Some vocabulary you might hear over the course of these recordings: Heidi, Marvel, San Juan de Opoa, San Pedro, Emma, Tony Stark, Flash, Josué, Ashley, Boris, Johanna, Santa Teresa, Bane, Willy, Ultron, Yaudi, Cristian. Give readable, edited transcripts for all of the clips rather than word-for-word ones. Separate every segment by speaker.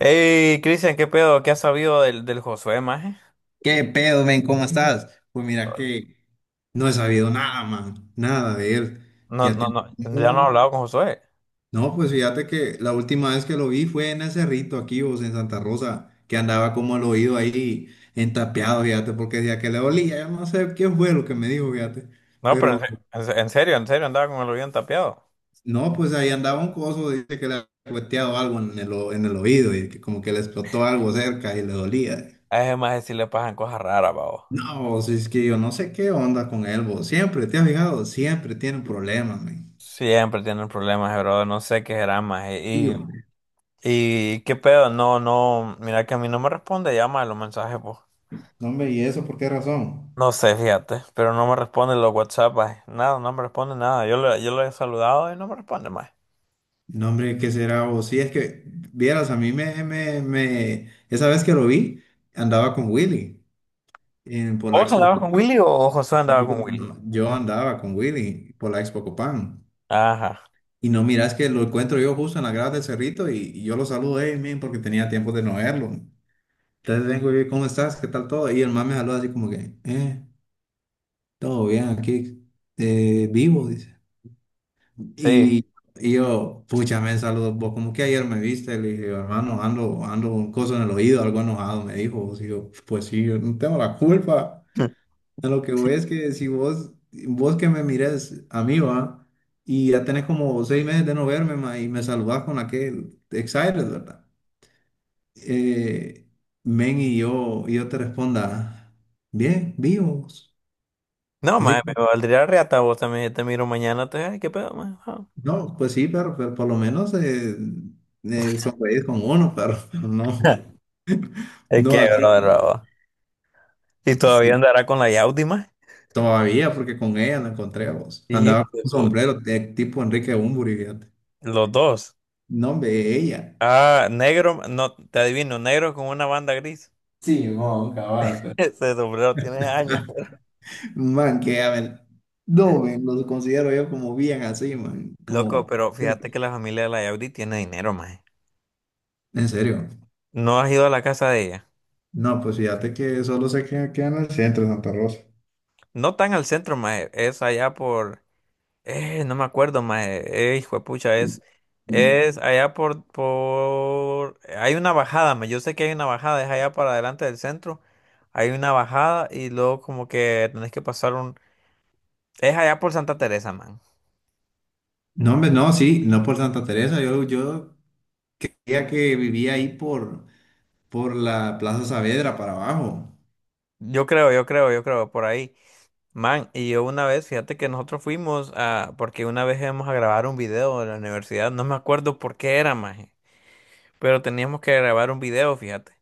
Speaker 1: Hey, Cristian, ¿qué pedo? ¿Qué has sabido del Josué, maje?
Speaker 2: ¿Qué pedo, men? ¿Cómo estás? Pues mira que no he sabido nada, man, nada de él.
Speaker 1: No,
Speaker 2: Ya te...
Speaker 1: no, no, ya no he
Speaker 2: No,
Speaker 1: hablado con Josué.
Speaker 2: no, pues fíjate que la última vez que lo vi fue en el cerrito aquí, vos, en Santa Rosa, que andaba como al oído ahí entapeado, fíjate, porque decía que le dolía, yo no sé qué fue lo que me dijo, fíjate.
Speaker 1: No, pero
Speaker 2: Pero
Speaker 1: en serio, andaba con el oído tapeado.
Speaker 2: no, pues ahí andaba un coso, dice que le había cueteado algo en el, en el oído y que como que le explotó algo cerca y le dolía.
Speaker 1: A ese maje sí le pasan cosas raras, babo.
Speaker 2: No, si es que yo no sé qué onda con él, vos. Siempre, ¿te has fijado? Siempre tiene problemas, man.
Speaker 1: Siempre tienen problemas, bro. No sé qué será, maje.
Speaker 2: Tío,
Speaker 1: Y,
Speaker 2: man.
Speaker 1: y qué pedo, no, no, mira que a mí no me responde llama a los mensajes, pues.
Speaker 2: No, hombre, ¿y eso por qué razón?
Speaker 1: No sé, fíjate, pero no me responde los WhatsApp, maje. Nada, no me responde nada. Yo le he saludado y no me responde, maje.
Speaker 2: No, hombre, ¿qué será, vos? Si es que, vieras, a mí me, me, me... esa vez que lo vi, andaba con Willy por la
Speaker 1: ¿Vos
Speaker 2: Expo.
Speaker 1: andabas con Willy o Josué andaba
Speaker 2: Yo,
Speaker 1: con Willy?
Speaker 2: no, yo andaba con Willy por la Expo Copán.
Speaker 1: Ajá,
Speaker 2: Y no miras que lo encuentro yo justo en la grada del Cerrito y yo lo saludo, hey, man, porque tenía tiempo de no verlo. Entonces vengo y, ¿cómo estás? ¿Qué tal todo? Y el man me saluda así como que. Todo bien aquí, vivo, dice.
Speaker 1: sí.
Speaker 2: Y, y yo, pucha, me saludo vos, como que ayer me viste, le dije, hermano, ando con cosas en el oído, algo enojado, me dijo. Vos, y yo, pues sí, yo no tengo la culpa. A lo que voy es que si vos que me mires a mí, va, y ya tenés como 6 meses de no verme, ma, y me saludás con aquel excited, ¿verdad? Eh, men, y yo te responda, bien, vivos.
Speaker 1: No, mae, me valdría reata vos también. Te miro mañana, te ay, qué pedo, mae. Ah.
Speaker 2: No, pues sí, pero por lo menos sonreír con uno, pero no,
Speaker 1: Es
Speaker 2: no
Speaker 1: que,
Speaker 2: así,
Speaker 1: bro. Y todavía
Speaker 2: sí,
Speaker 1: andará con la Yaudi, mae.
Speaker 2: todavía, porque con ella la encontré a vos.
Speaker 1: Y
Speaker 2: Andaba con un sombrero de tipo Enrique Bunbury, fíjate.
Speaker 1: los dos.
Speaker 2: No, hombre, ella.
Speaker 1: Ah, negro, no, te adivino, negro con una banda gris.
Speaker 2: Sí, mon, cabal, pues.
Speaker 1: Ese sombrero tiene años, po.
Speaker 2: Man, que a ver, no, men, los considero yo como bien así, man,
Speaker 1: Loco,
Speaker 2: como,
Speaker 1: pero fíjate que la familia de la Yaudi tiene dinero, mae.
Speaker 2: en serio.
Speaker 1: No has ido a la casa de ella.
Speaker 2: No, pues fíjate que solo sé que queda en el centro de Santa Rosa.
Speaker 1: No tan al centro, mae. Es allá por... no me acuerdo, mae. Hijo de pucha,
Speaker 2: No,
Speaker 1: es allá por... Hay una bajada, mae. Yo sé que hay una bajada, es allá para adelante del centro. Hay una bajada y luego como que tenés que pasar un... Es allá por Santa Teresa, man.
Speaker 2: hombre, no, sí, no por Santa Teresa, yo creía que vivía ahí por la Plaza Saavedra para abajo.
Speaker 1: Yo creo, yo creo, yo creo, por ahí. Man, y yo una vez, fíjate que nosotros fuimos a... Porque una vez íbamos a grabar un video de la universidad, no me acuerdo por qué era, mae. Pero teníamos que grabar un video, fíjate.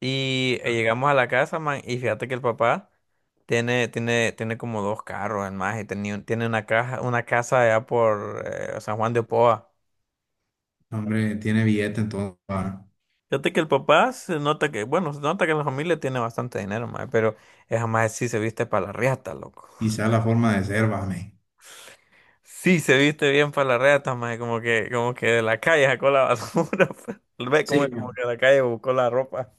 Speaker 1: Y llegamos a la casa, man, y fíjate que el papá tiene como dos carros, el más, y tiene una casa allá por San Juan de Opoa.
Speaker 2: Hombre, tiene billete entonces, va.
Speaker 1: Fíjate que el papá se nota que, bueno, se nota que la familia tiene bastante dinero, man, pero esa más sí se viste para la riata, loco.
Speaker 2: Quizá la forma de ser, vame.
Speaker 1: Sí se viste bien para la riata, man, como que de la calle sacó la basura. Ve como,
Speaker 2: Sí,
Speaker 1: como que de la calle buscó la ropa.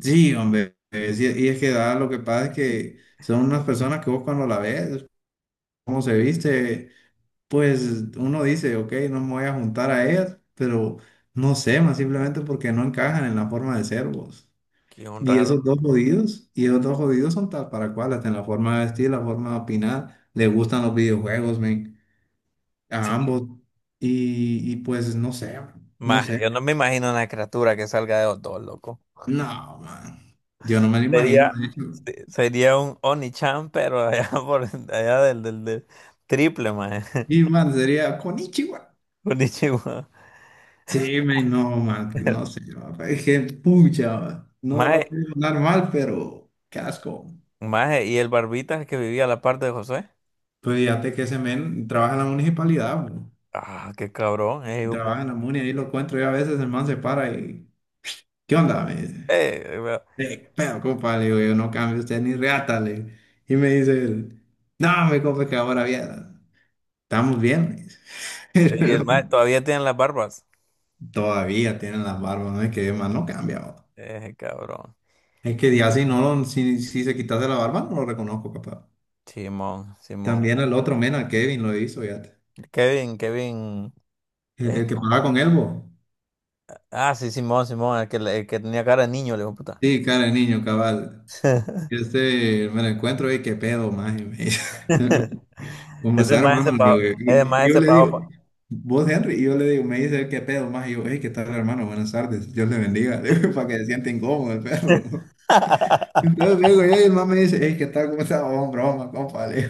Speaker 2: sí, hombre, y es que da, lo que pasa es que son unas personas que vos cuando la ves, cómo se viste, pues uno dice, ok, no me voy a juntar a ellas, pero no sé, más simplemente porque no encajan en la forma de ser, vos.
Speaker 1: Qué un
Speaker 2: Y esos
Speaker 1: raro.
Speaker 2: dos jodidos, y esos dos jodidos son tal para cual, hasta en la forma de vestir, la forma de opinar, les gustan los videojuegos, men, a
Speaker 1: Sí.
Speaker 2: ambos. Y pues no sé, man, no
Speaker 1: Maje,
Speaker 2: sé.
Speaker 1: yo no me imagino una criatura que salga de los dos, loco.
Speaker 2: No, man. Yo no me lo imagino,
Speaker 1: Sería,
Speaker 2: de hecho.
Speaker 1: sería un Onichan, pero allá por allá del triple, maje.
Speaker 2: Y man, sería Konichiwa.
Speaker 1: Konnichiwa.
Speaker 2: Sí, men, no, man, no sé, man, es que pucha, man. No, no
Speaker 1: Maje,
Speaker 2: quiero hablar mal, pero qué asco.
Speaker 1: maje, y el barbita que vivía a la parte de José.
Speaker 2: Pues fíjate que ese men trabaja en la municipalidad, man,
Speaker 1: Ah, qué cabrón,
Speaker 2: y
Speaker 1: hijo de
Speaker 2: trabaja en
Speaker 1: puta.
Speaker 2: la muni, ahí lo encuentro y a veces, el man se para y, ¿qué onda?, me dice.
Speaker 1: Vea,
Speaker 2: Pero compa, le digo, yo no cambio usted ni reata, le digo. Y me dice él, no, me compa, es que ahora bien, estamos bien, me dice.
Speaker 1: y el maje todavía tiene las barbas.
Speaker 2: Todavía tienen las barbas, no es que más no cambia, va.
Speaker 1: Cabrón.
Speaker 2: Es que ya si no, si se quitase la barba, no lo reconozco, capaz.
Speaker 1: Simón, Simón.
Speaker 2: También el otro mena, Kevin, lo hizo, ya.
Speaker 1: Kevin, Kevin.
Speaker 2: El, el que pagaba
Speaker 1: ¿Cómo?
Speaker 2: con él, bo.
Speaker 1: Ah, sí, Simón, Simón, el que, el que tenía cara de niño, le dijo puta.
Speaker 2: Sí, cara de niño, cabal. Este, me lo encuentro y qué pedo, más. ¿Cómo
Speaker 1: Ese
Speaker 2: está,
Speaker 1: maje se
Speaker 2: hermano? Le digo,
Speaker 1: pagó.
Speaker 2: yo.
Speaker 1: Ese
Speaker 2: Y
Speaker 1: maje
Speaker 2: yo
Speaker 1: se
Speaker 2: le digo,
Speaker 1: pagó.
Speaker 2: vos, Henry, y yo le digo, me dice, ¿qué pedo, más? Y yo, hey, ¿qué tal, hermano? Buenas tardes, Dios le bendiga, le digo, para que se sienta incómodo el perro. Entonces vengo yo y el man me dice, hey, ¿qué tal? ¿Cómo está? Oh, broma, compa, le digo,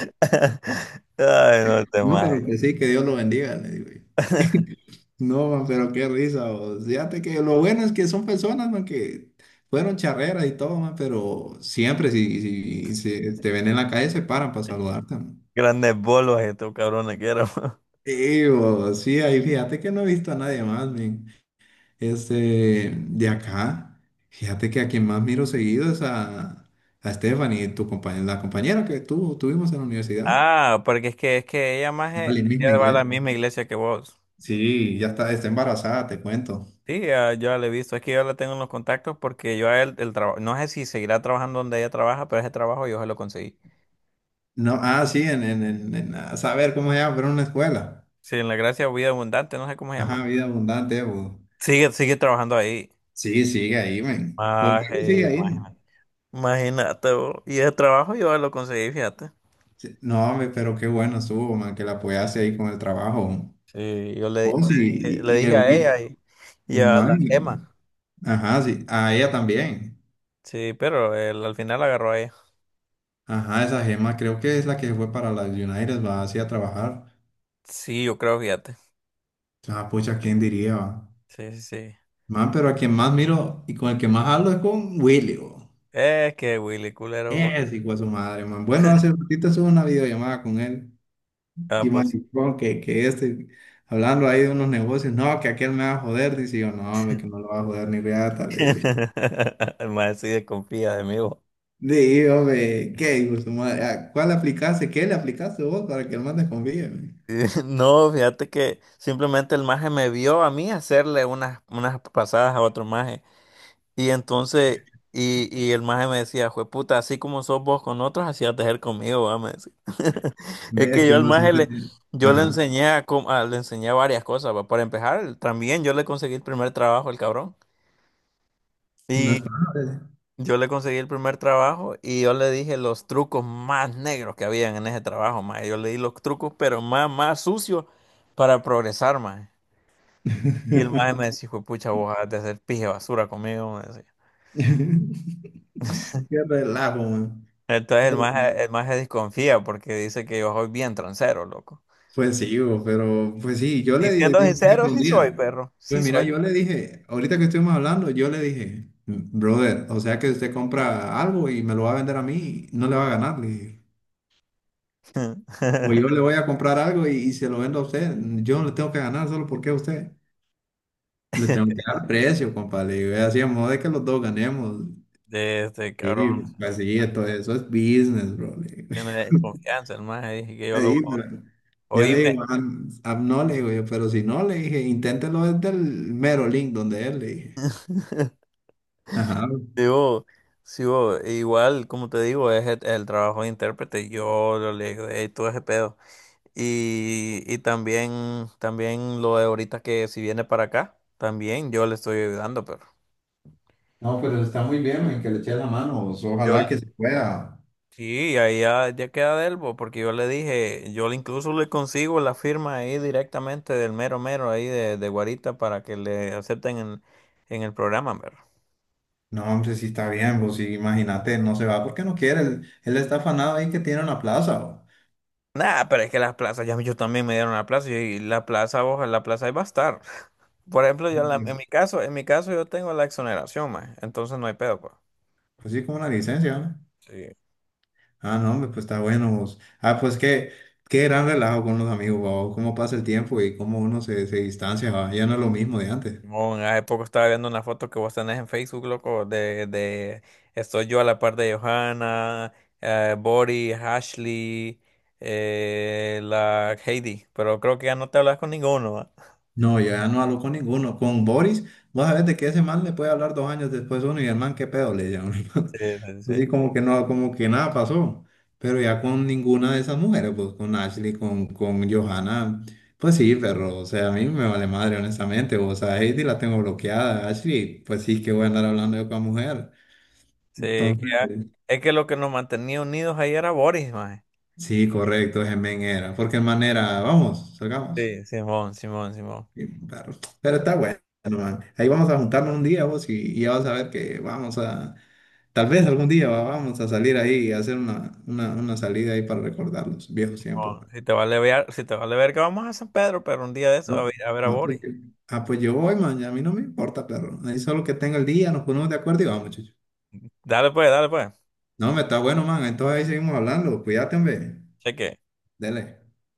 Speaker 1: Ay, no te
Speaker 2: no, pero
Speaker 1: majes.
Speaker 2: que sí, que Dios lo bendiga, le digo, yo. No, man, pero qué risa, vos. Fíjate que lo bueno es que son personas, man, que fueron charreras y todo, man, pero siempre si te ven en la calle se paran para saludarte, man.
Speaker 1: Grandes bolos estos cabrones que eran.
Speaker 2: Sí, vos, sí, ahí fíjate que no he visto a nadie más, men. Este, de acá, fíjate que a quien más miro seguido es a Stephanie, tu compañera, la compañera que tú tuvimos en la universidad.
Speaker 1: Ah, porque es que ella más
Speaker 2: Vale, misma
Speaker 1: ella va a la
Speaker 2: iglesia.
Speaker 1: misma iglesia que vos.
Speaker 2: Sí, ya está embarazada, te cuento.
Speaker 1: Sí, yo ya la he visto. Es que yo la tengo en los contactos porque yo a él el trabajo, no sé si seguirá trabajando donde ella trabaja, pero ese trabajo yo se lo conseguí.
Speaker 2: No, ah, sí, a saber cómo se llama, pero en una escuela.
Speaker 1: Sí, en la gracia vida abundante, no sé cómo se
Speaker 2: Ajá,
Speaker 1: llama.
Speaker 2: vida abundante, bo.
Speaker 1: Sigue, sigue trabajando ahí.
Speaker 2: Sí, sigue ahí, men. Por algo sigue
Speaker 1: Maje,
Speaker 2: ahí, men.
Speaker 1: imagínate, vos. Y ese trabajo yo lo conseguí, fíjate.
Speaker 2: Sí. No, hombre, pero qué bueno estuvo, man, que la apoyaste ahí con el trabajo.
Speaker 1: Sí,
Speaker 2: Vos y,
Speaker 1: le
Speaker 2: y
Speaker 1: dije
Speaker 2: el
Speaker 1: a ella
Speaker 2: Will.
Speaker 1: y a la
Speaker 2: Man,
Speaker 1: Emma.
Speaker 2: ajá, sí, a ella también.
Speaker 1: Sí, pero él al final agarró a ella.
Speaker 2: Ajá, esa gema creo que es la que fue para las United, va así a trabajar.
Speaker 1: Sí, yo creo, fíjate.
Speaker 2: Ah, pucha, ¿quién diría, va?
Speaker 1: Sí, sí, sí.
Speaker 2: Man, pero a quien más miro y con el que más hablo es con Willy, bo.
Speaker 1: Es que Willy culero.
Speaker 2: Es hijo de su madre, man. Bueno, hace ratito hizo una videollamada con él.
Speaker 1: Ah,
Speaker 2: Y
Speaker 1: pues.
Speaker 2: maricón, que este, hablando ahí de unos negocios, no, que aquel me va a joder. Dice yo, no, hombre, que no lo va a joder ni reata, le
Speaker 1: Sí.
Speaker 2: digo.
Speaker 1: El maje sí desconfía de mí, vos.
Speaker 2: Digo, hombre, ¿qué hijo de su madre? ¿A ¿Cuál le aplicaste? ¿Qué le aplicaste vos para que el man te confíe, man?
Speaker 1: No, fíjate que simplemente el maje me vio a mí hacerle unas, unas pasadas a otro maje. Y entonces, y el maje me decía, jue puta, así como sos vos con otros, así has de ser conmigo, va, me decía. Es
Speaker 2: Ves
Speaker 1: que
Speaker 2: que uno siempre tiene.
Speaker 1: yo le
Speaker 2: Ajá,
Speaker 1: enseñé a, le enseñé varias cosas, va. Para empezar, también yo le conseguí el primer trabajo al cabrón.
Speaker 2: no
Speaker 1: Y
Speaker 2: es para nada.
Speaker 1: yo le conseguí el primer trabajo y yo le dije los trucos más negros que habían en ese trabajo, mae. Yo le di los trucos, pero más, más sucios para progresar, mae. Y el maje me decía, "Hijo de pucha, vos has de hacer pije basura conmigo", me decía.
Speaker 2: Qué relajo, man.
Speaker 1: Entonces
Speaker 2: Qué relajo.
Speaker 1: el maje desconfía porque dice que yo soy bien transero, loco.
Speaker 2: Pues sí, bo, pero pues sí, yo
Speaker 1: Y
Speaker 2: le dije,
Speaker 1: siendo
Speaker 2: por
Speaker 1: sincero,
Speaker 2: ejemplo, un
Speaker 1: sí soy,
Speaker 2: día,
Speaker 1: perro.
Speaker 2: pues
Speaker 1: Sí
Speaker 2: mira,
Speaker 1: soy.
Speaker 2: yo le dije, ahorita que estuvimos hablando, yo le dije, brother, o sea que usted compra algo y me lo va a vender a mí, no le va a ganar, le dije. O yo le voy a comprar algo y se lo vendo a usted, yo no le tengo que ganar solo porque a usted. Le tengo que dar precio, compa, le digo, y así a modo de que los dos ganemos.
Speaker 1: De este
Speaker 2: Sí,
Speaker 1: cabrón.
Speaker 2: pues sí, esto, eso es business, bro, le digo.
Speaker 1: Tiene desconfianza, el maje. Dije que yo lo
Speaker 2: Ahí,
Speaker 1: voy a...
Speaker 2: pero... Yo le
Speaker 1: Oíme.
Speaker 2: digo, "Ah, ah, no", le digo yo, pero si no, le dije, inténtelo desde el mero link donde él, le dije. Ajá.
Speaker 1: Sí. Digo, sigo, igual, como te digo, es el trabajo de intérprete. Yo lo le digo, "Ey, todo ese pedo". Y también, también lo de ahorita que si viene para acá, también yo le estoy ayudando, pero
Speaker 2: No, pero está muy bien, men, que le eche la mano, vos,
Speaker 1: yo
Speaker 2: ojalá
Speaker 1: le-
Speaker 2: que se pueda.
Speaker 1: sí, ahí ya, ya queda de él, bo, porque yo le dije, incluso le consigo la firma ahí directamente del mero mero ahí de Guarita para que le acepten en el programa, pero.
Speaker 2: No, hombre, sí está bien, vos, sí, imagínate, no se va porque no quiere, él está afanado ahí que tiene una plaza, vos.
Speaker 1: Nah, pero es que las plazas, ya yo también me dieron la plaza y la plaza, ojalá, la plaza ahí va a estar. Por ejemplo,
Speaker 2: Pues,
Speaker 1: en mi caso yo tengo la exoneración, más, entonces no hay pedo, pues.
Speaker 2: pues sí, como una licencia, ¿no?
Speaker 1: Sí.
Speaker 2: Ah, no, hombre, pues está bueno, vos. Ah, pues qué, qué gran relajo con los amigos, vos, cómo pasa el tiempo y cómo uno se distancia, va. Ya no es lo mismo de antes.
Speaker 1: Simón, hace poco estaba viendo una foto que vos tenés en Facebook, loco, de estoy yo a la par de Johanna, Boris, Ashley, la Heidi, pero creo que ya no te hablas con ninguno, ¿va?
Speaker 2: No, yo ya no hablo con ninguno. Con Boris, vos sabés de que ese man le puede hablar 2 años después uno y el man, qué pedo, le llama.
Speaker 1: Sí, sí,
Speaker 2: Pues sí,
Speaker 1: sí.
Speaker 2: como que no, como que nada pasó. Pero ya con ninguna de esas mujeres, pues con Ashley, con Johanna, pues sí, perro. O sea, a mí me vale madre, honestamente. O sea, Heidi la tengo bloqueada. Ashley, pues sí, que voy a andar hablando yo con la mujer.
Speaker 1: Sí, que
Speaker 2: Entonces,
Speaker 1: ya- es que lo que nos mantenía unidos ahí era Boris, más.
Speaker 2: sí, correcto, ese men era. Porque el man era, vamos, salgamos.
Speaker 1: Sí, Simón, Simón, Simón.
Speaker 2: Sí, pero está bueno, man. Ahí vamos a juntarnos un día vos y ya vas a ver que vamos a, tal vez algún día vamos a salir ahí y hacer una salida ahí para recordar los viejos tiempos,
Speaker 1: Simón,
Speaker 2: man.
Speaker 1: si te vale ver, si te vale ver que vamos a San Pedro, pero un día de eso a
Speaker 2: No,
Speaker 1: ver a, ver a
Speaker 2: no,
Speaker 1: Boris.
Speaker 2: ah, pues yo voy, man, a mí no me importa, perro. Ahí solo que tenga el día, nos ponemos de acuerdo y vamos, chucho.
Speaker 1: Dale pues, dale pues.
Speaker 2: No, me está bueno, man, entonces ahí seguimos hablando, cuídate, hombre,
Speaker 1: Cheque.
Speaker 2: dele.